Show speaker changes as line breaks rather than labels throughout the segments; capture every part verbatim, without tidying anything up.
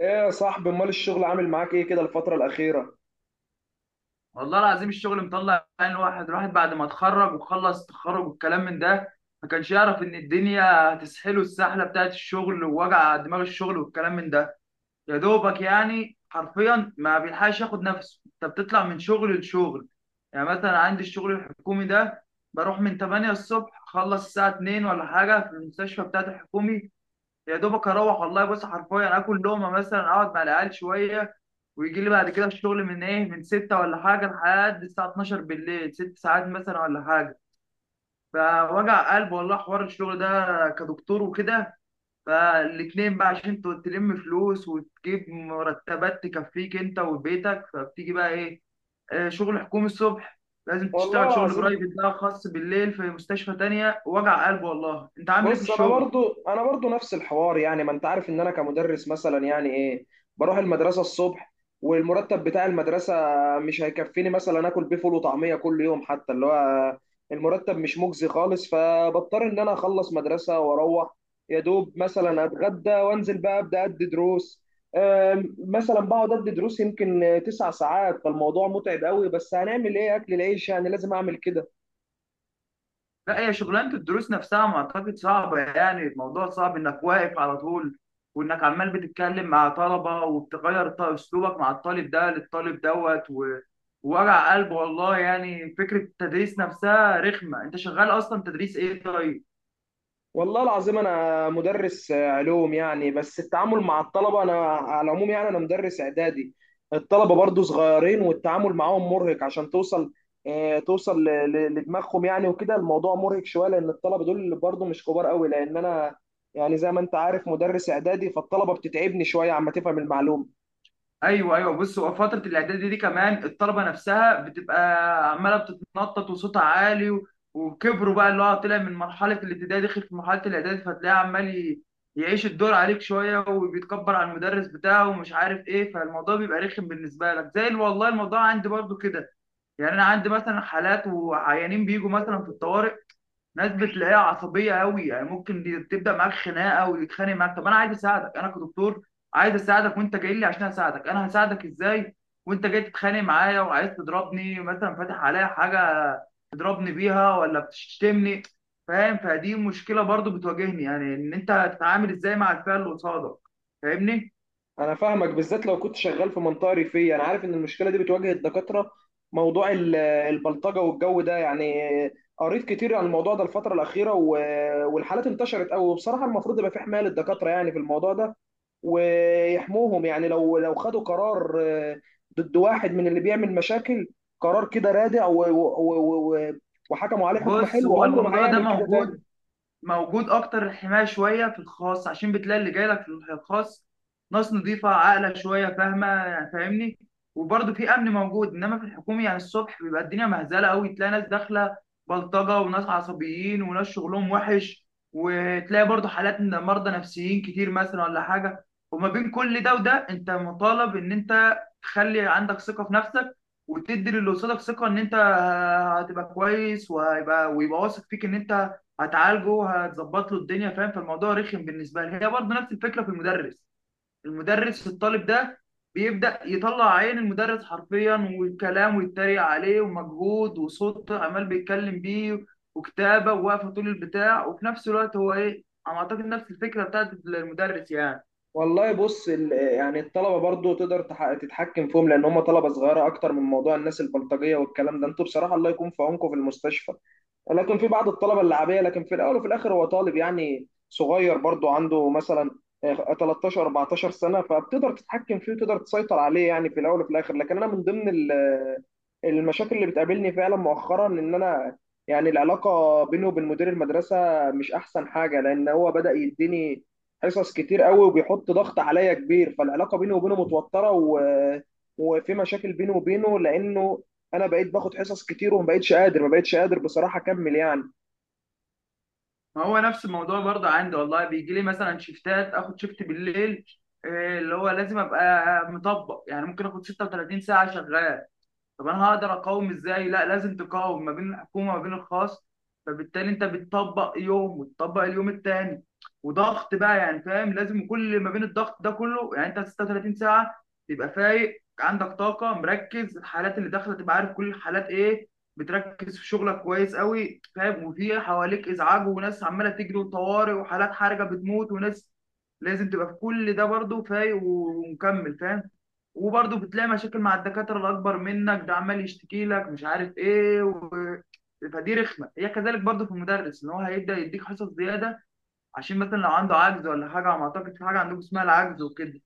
ايه يا صاحبي امال الشغل عامل معاك ايه كده الفترة الأخيرة؟
والله العظيم الشغل مطلع عين الواحد الواحد بعد ما اتخرج وخلص تخرج والكلام من ده، ما كانش يعرف ان الدنيا هتسحله السحله بتاعت الشغل ووجع دماغ الشغل والكلام من ده. يا دوبك يعني حرفيا ما بيلحقش ياخد نفسه، انت بتطلع من شغل لشغل. يعني مثلا عندي الشغل الحكومي ده، بروح من تمانية الصبح اخلص الساعه اتنين ولا حاجه في المستشفى بتاعت الحكومي. يا دوبك اروح والله، بص حرفيا اكل لقمه مثلا، اقعد مع العيال شويه، ويجي لي بعد كده الشغل من ايه، من ستة ولا حاجه لحد الساعه اتناشر بالليل، ست ساعات مثلا ولا حاجه. فوجع قلب والله حوار الشغل ده كدكتور وكده. فالاتنين بقى عشان ت- تلم فلوس وتجيب مرتبات تكفيك انت وبيتك، فبتيجي بقى ايه؟ آه، شغل حكومي الصبح لازم
والله
تشتغل شغل
العظيم،
برايفت بقى، خاص بالليل في مستشفى تانية. وجع قلب والله، انت عامل ايه في
بص انا
الشغل؟
برضو انا برضو نفس الحوار، يعني ما انت عارف ان انا كمدرس مثلا، يعني ايه، بروح المدرسه الصبح، والمرتب بتاع المدرسه مش هيكفيني، مثلا اكل بيه فول وطعميه كل يوم، حتى اللي هو المرتب مش مجزي خالص. فبضطر ان انا اخلص مدرسه واروح، يا دوب مثلا اتغدى وانزل بقى ابدا ادي دروس. أم، مثلا بقعد ادي دروس يمكن تسع ساعات، فالموضوع متعب قوي، بس هنعمل ايه، اكل العيش يعني لازم اعمل كده.
لا، هي شغلانة الدروس نفسها ما أعتقد صعبة، يعني الموضوع صعب إنك واقف على طول، وإنك عمال بتتكلم مع طلبة وبتغير ط- أسلوبك مع الطالب ده للطالب دوت و- ووجع قلب والله، يعني فكرة التدريس نفسها رخمة. أنت شغال أصلا تدريس إيه طيب؟
والله العظيم انا مدرس علوم يعني، بس التعامل مع الطلبه، انا على العموم يعني انا مدرس اعدادي، الطلبه برضو صغيرين والتعامل معاهم مرهق عشان توصل. آه، توصل ل- ل- لدماغهم يعني، وكده الموضوع مرهق شويه، لان الطلبه دول برضو مش كبار قوي، لان انا يعني زي ما انت عارف مدرس اعدادي، فالطلبه بتتعبني شويه عما تفهم المعلومه.
ايوه ايوه، بص هو فتره الاعداد دي كمان الطلبه نفسها بتبقى عماله بتتنطط وصوتها عالي و- وكبروا بقى، اللي هو طلع من مرحله الابتدائي دخل في مرحله الاعدادي، فتلاقيه عمال ي- يعيش الدور عليك شويه، وبيتكبر على المدرس بتاعه ومش عارف ايه، فالموضوع بيبقى رخم بالنسبه لك زي ال- والله الموضوع عندي برضو كده. يعني انا عندي مثلا حالات وعيانين بيجوا مثلا في الطوارئ، ناس بتلاقيها عصبيه قوي، يعني ممكن دي- تبدا معاك خناقه ويتخانق معاك. طب انا عايز اساعدك، انا كدكتور عايز اساعدك، وانت جاي لي عشان اساعدك، انا هساعدك ازاي وانت جاي تتخانق معايا وعايز تضربني، مثلا فاتح عليا حاجه تضربني بيها ولا بتشتمني؟ فاهم؟ فدي مشكله برضو بتواجهني، يعني ان انت تتعامل ازاي مع الفئه اللي قصادك فاهمني.
انا فاهمك، بالذات لو كنت شغال في منطقه ريفيه، انا عارف ان المشكله دي بتواجه الدكاتره، موضوع ال- البلطجه والجو ده يعني. قريت كتير عن الموضوع ده الفتره الاخيره، و- والحالات انتشرت قوي، وبصراحه المفروض يبقى في حمايه للدكاتره يعني في الموضوع ده، ويحموهم يعني، لو لو خدوا قرار، آه، ضد واحد من اللي بيعمل مشاكل، قرار كده رادع و- و- و- و- وحكموا عليه حكم
بص
حلو،
هو
عمره ما
الموضوع ده
هيعمل كده تاني.
موجود، موجود اكتر. الحمايه شويه في الخاص عشان بتلاقي اللي جاي لك في الخاص ناس نظيفه عاقله شويه فاهمه، يعني فاهمني، وبرضه في امن موجود. انما في الحكومي يعني الصبح بيبقى الدنيا مهزله قوي، تلاقي ناس داخله بلطجه وناس عصبيين وناس شغلهم وحش، وتلاقي برضه حالات من مرضى نفسيين كتير مثلا ولا حاجه. وما بين كل ده وده انت مطالب ان انت تخلي عندك ثقه في نفسك، وتدي للي قصادك ثقه ان انت هتبقى كويس، وهيبقى ويبقى واثق فيك ان انت هتعالجه هتظبط له الدنيا فاهم. فالموضوع رخم بالنسبه لي. هي برضه نفس الفكره في المدرس، المدرس الطالب ده بيبدا يطلع عين المدرس حرفيا والكلام، ويتريق عليه، ومجهود وصوت عمال بيتكلم بيه، وكتابه وواقفه طول البتاع، وفي نفس الوقت هو ايه، انا اعتقد نفس الفكره بتاعت المدرس يعني.
والله بص ال- يعني الطلبه برضو تقدر تح- تتحكم فيهم، لان هم طلبه صغيره، اكتر من موضوع الناس البلطجيه والكلام ده، انتوا بصراحه الله يكون في عونكم في المستشفى. لكن في بعض الطلبه اللعبيه، لكن في الاول وفي الاخر هو طالب يعني صغير، برضو عنده مثلا آه، تلتاشر اربعتاشر سنه، فبتقدر تتحكم فيه وتقدر تسيطر عليه يعني في الاول وفي الاخر. لكن انا من ضمن ال- المشاكل اللي بتقابلني فعلا مؤخرا ان انا يعني العلاقه بينه وبين مدير المدرسه مش احسن حاجه، لان هو بدا يديني حصص كتير قوي وبيحط ضغط عليا كبير، فالعلاقه بينه وبينه متوتره، و... وفي مشاكل بينه وبينه، لانه انا بقيت باخد حصص كتير، وما بقيتش قادر ما بقيتش قادر بصراحه اكمل يعني.
ما هو نفس الموضوع برضه عندي والله، بيجي لي مثلا شيفتات اخد شيفت بالليل، إيه اللي هو لازم ابقى مطبق، يعني ممكن اخد ست وتلاتين ساعه شغال. طب انا هقدر اقاوم ازاي؟ لا لازم تقاوم ما بين الحكومه وما بين الخاص، فبالتالي انت بتطبق يوم وتطبق اليوم التاني، وضغط بقى يعني فاهم. لازم كل ما بين الضغط ده كله يعني انت ست وثلاثين ساعه تبقى فايق عندك طاقه مركز، الحالات اللي داخله تبقى عارف كل الحالات ايه، بتركز في شغلك كويس قوي فاهم، وفي حواليك ازعاج وناس عماله تجري وطوارئ وحالات حرجه بتموت وناس، لازم تبقى في كل ده برضه فايق ومكمل فاهم. وبرضه بتلاقي مشاكل مع الدكاترة الأكبر منك ده عمال يشتكي لك مش عارف إيه و... فدي رخمة، هي كذلك برضه في المدرس، إن هو هيبدأ يديك حصص زيادة عشان مثلا لو عنده عجز ولا حاجة. أنا أعتقد في حاجة عندكم اسمها العجز وكده.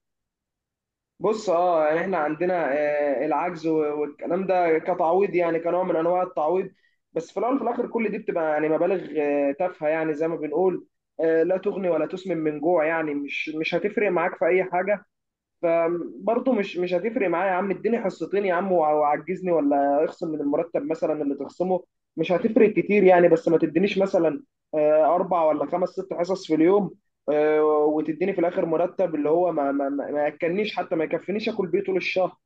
بص اه يعني احنا عندنا آه، العجز و- والكلام ده كتعويض، يعني كنوع من انواع التعويض. بس في الاول وفي الاخر كل دي بتبقى يعني مبالغ آه، تافهه، يعني زي ما بنقول، آه، لا تغني ولا تسمن من جوع، يعني مش مش هتفرق معاك في اي حاجه. فبرضه مش مش هتفرق معايا يا عم، اديني حصتين يا عم وع- وعجزني، ولا اخصم من المرتب مثلا اللي تخصمه مش هتفرق كتير يعني. بس ما تدينيش مثلا آه، اربع ولا خمس ست حصص في اليوم، آه، وتديني في الاخر مرتب اللي هو ما ما ما ما ياكلنيش، حتى ما يكفينيش اكل بيه طول الشهر.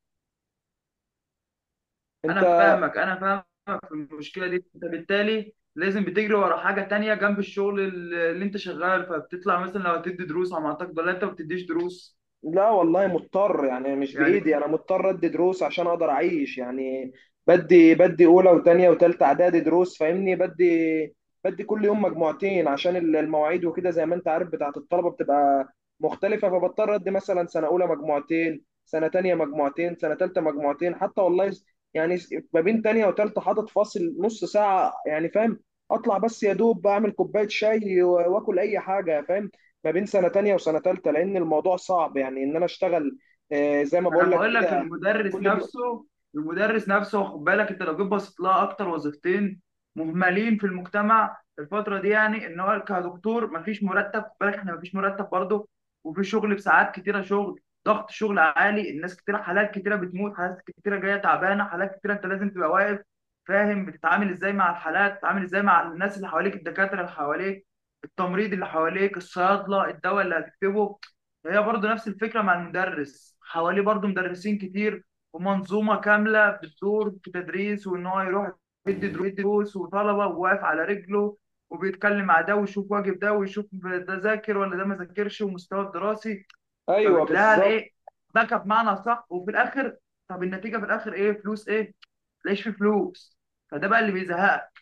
انت،
أنا فاهمك أنا فاهمك في المشكلة دي، أنت بالتالي لازم بتجري ورا حاجة تانية جنب الشغل اللي اللي أنت شغال، فبتطلع مثلا لو هتدي دروس على ما أعتقد، ولا أنت ما بتديش دروس؟
لا والله مضطر يعني، مش
يعني
بإيدي، أنا مضطر أدي دروس عشان أقدر أعيش يعني. بدي بدي أولى وتانية وتالتة إعدادي دروس، فاهمني، بدي بدي كل يوم مجموعتين عشان ال- المواعيد، وكده زي ما أنت عارف بتاعة الطلبة بتبقى مختلفة، فبضطر أدي مثلا سنة أولى مجموعتين، سنة تانية مجموعتين، سنة تالتة مجموعتين. حتى والله س- يعني س- ما بين تانية وتالتة حاطط فاصل نص ساعة يعني، فاهم، أطلع بس يا دوب أعمل كوباية شاي و- وآكل أي حاجة، فاهم، ما بين سنة تانية وسنة تالتة، لأن الموضوع صعب يعني، إن أنا أشتغل آه، زي ما
انا
بقول لك
بقول لك،
كده.
المدرس
كل الم...
نفسه المدرس نفسه خد بالك، انت لو جيت بصيت لها اكتر وظيفتين مهملين في المجتمع في الفتره دي، يعني ان هو كدكتور مفيش مرتب، خد بالك احنا مفيش مرتب برضه، وفي شغل بساعات كتيره، شغل ضغط شغل عالي، الناس كتيره، حالات كتيره بتموت، حالات كتيره جايه تعبانه، حالات كتيره، انت لازم تبقى واقف فاهم، بتتعامل ازاي مع الحالات، بتتعامل ازاي مع الناس اللي حواليك، الدكاتره اللي حواليك، التمريض اللي حواليك، الصيادله، الدواء اللي هتكتبه. هي برضو نفس الفكرة مع المدرس، حواليه برضو مدرسين كتير ومنظومة كاملة بتدور في التدريس، وإن هو يروح يدي درو- يدي دروس وطلبة وواقف على رجله، وبيتكلم مع ده ويشوف واجب ده ويشوف ده ذاكر ولا ده ما ذاكرش ومستواه الدراسي،
أيوه
فبتلاقيها
بالظبط.
الإيه، باكة بمعنى صح. وفي الآخر، طب النتيجة في الآخر إيه؟ فلوس إيه؟ متلاقيش فيه فلوس. فده بقى اللي بيزهقك.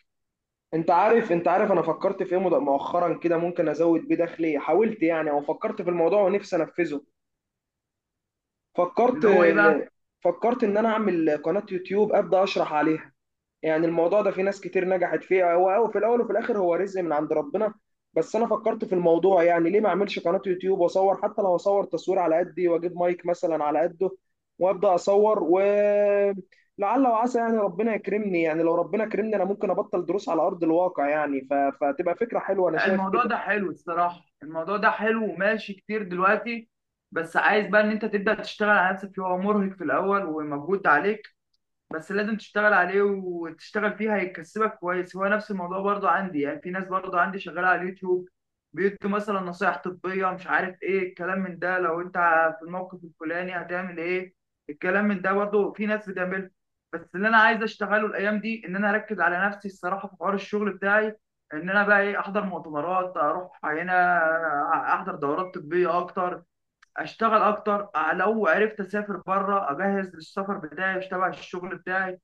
أنت عارف، أنت عارف أنا فكرت في إيه مد- مؤخرا كده، ممكن أزود بيه دخلي، حاولت يعني أو فكرت في الموضوع ونفسي أنفذه. فكرت
اللي هو إيه بقى؟
آه، فكرت إن أنا أعمل قناة يوتيوب أبدأ أشرح عليها. يعني الموضوع ده في ناس كتير نجحت فيه، هو هو في الاول وفي الاخر هو رزق من عند ربنا. بس انا فكرت في الموضوع، يعني ليه ما اعملش قناة يوتيوب واصور، حتى لو اصور تصوير على قدي واجيب مايك مثلا على قده، وابدا اصور، و لعل وعسى يعني ربنا يكرمني. يعني لو ربنا كرمني، انا ممكن ابطل دروس على ارض الواقع يعني، ف... فتبقى فكرة حلوة، انا
لا،
شايف
الموضوع
كده.
ده حلو الصراحة، الموضوع ده حلو وماشي كتير دلوقتي، بس عايز بقى ان انت تبدأ تشتغل على نفسك فيه، هو مرهق في الاول ومجهود عليك، بس لازم تشتغل عليه وتشتغل فيه هيكسبك كويس. هو نفس الموضوع برضو عندي، يعني في ناس برضو عندي شغالة على اليوتيوب بيدوا مثلا نصايح طبية مش عارف ايه الكلام من ده، لو انت في الموقف الفلاني هتعمل ايه، الكلام من ده برضو في ناس بتعمله. بس اللي انا عايز اشتغله الايام دي ان انا اركز على نفسي الصراحة في حوار الشغل بتاعي، ان انا بقى ايه احضر مؤتمرات، اروح هنا احضر دورات طبية اكتر، اشتغل اكتر، لو عرفت اسافر بره اجهز للسفر بتاعي تبع الشغل بتاعي.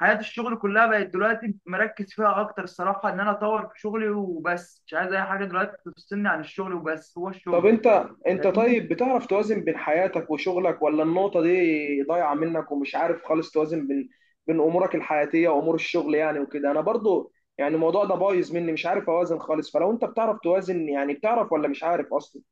حياة الشغل كلها بقت دلوقتي مركز فيها اكتر الصراحة، ان انا اطور في شغلي وبس، مش عايز اي حاجة دلوقتي تفصلني عن الشغل، وبس هو
طب
الشغل
انت، انت
فاهمني.
طيب بتعرف توازن بين حياتك وشغلك، ولا النقطة دي ضايعة منك ومش عارف خالص توازن بين بين امورك الحياتية وامور الشغل يعني وكده. انا برضو يعني الموضوع ده بايظ مني، مش عارف اوازن خالص. فلو انت بتعرف توازن، يعني بتعرف ولا مش عارف اصلا؟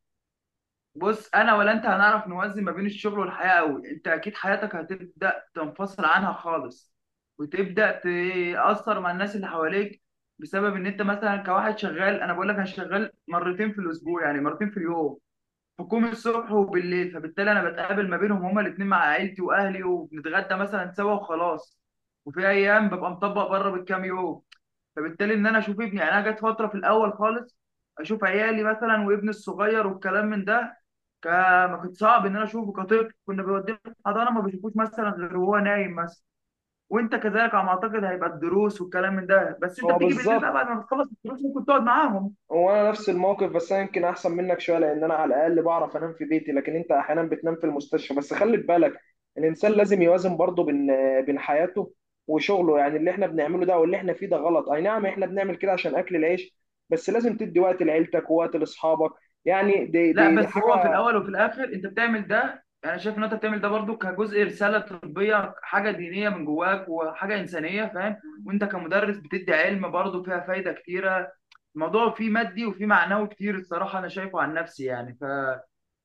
بص انا ولا انت هنعرف نوازن ما بين الشغل والحياة قوي، انت اكيد حياتك هتبدأ تنفصل عنها خالص، وتبدأ تأثر مع الناس اللي حواليك بسبب ان انت مثلا كواحد شغال. انا بقول لك انا شغال مرتين في الاسبوع، يعني مرتين في اليوم، حكومي الصبح وبالليل، فبالتالي انا بتقابل ما بينهم هما الاتنين مع عيلتي واهلي، وبنتغدى مثلا سوا وخلاص، وفي ايام ببقى مطبق بره بالكام يوم. فبالتالي ان انا اشوف ابني، يعني انا جت فتره في الاول خالص، اشوف عيالي مثلا وابني الصغير والكلام من ده، ك- ما كنت صعب ان انا اشوفه كطفل، كنا بنوديه الحضانه ما بشوفوش مثلا غير وهو نايم مثلا. وانت كذلك على ما اعتقد هيبقى الدروس والكلام من ده، بس انت
هو
بتيجي بالليل
بالظبط،
بقى بعد ما بتخلص الدروس ممكن تقعد معاهم.
هو انا نفس الموقف، بس انا يمكن احسن منك شويه، لان انا على الاقل بعرف انام في بيتي، لكن انت احيانا بتنام في المستشفى. بس خلي بالك، الانسان لازم يوازن برضه بين بين حياته وشغله يعني. اللي احنا بنعمله ده واللي احنا فيه ده غلط، اي نعم احنا بنعمل كده عشان اكل العيش، بس لازم تدي وقت لعيلتك ووقت لاصحابك يعني. دي
لا،
دي, دي
بس هو في
حاجه.
الاول وفي الاخر انت بتعمل ده، انا شايف ان انت بتعمل ده برضو كجزء رساله طبيه حاجه دينيه من جواك وحاجه انسانيه فاهم، وانت كمدرس بتدي علم برضو فيها فايده كتيره. الموضوع فيه مادي وفيه معنوي كتير الصراحه انا شايفه عن نفسي يعني ف...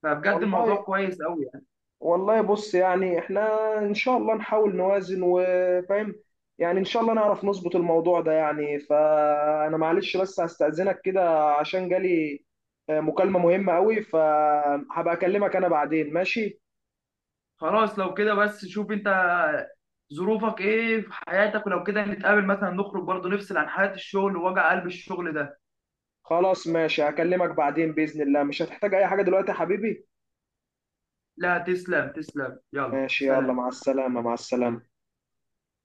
فبجد
والله
الموضوع كويس قوي يعني.
والله بص يعني احنا ان شاء الله نحاول نوازن، وفاهم يعني، ان شاء الله نعرف نظبط الموضوع ده يعني. فانا معلش بس هستأذنك كده، عشان جالي آه، مكالمة مهمة قوي، فهبقى اكلمك انا بعدين، ماشي؟
خلاص، لو كده بس شوف انت ظروفك ايه في حياتك، ولو كده نتقابل مثلا نخرج برضو نفصل عن حياه الشغل ووجع قلب الشغل ده.
خلاص ماشي، هكلمك بعدين بإذن الله، مش هتحتاج اي حاجة دلوقتي يا حبيبي.
لا تسلم تسلم، يلا
ماشي يلا،
سلام.
مع السلامة، مع السلامة.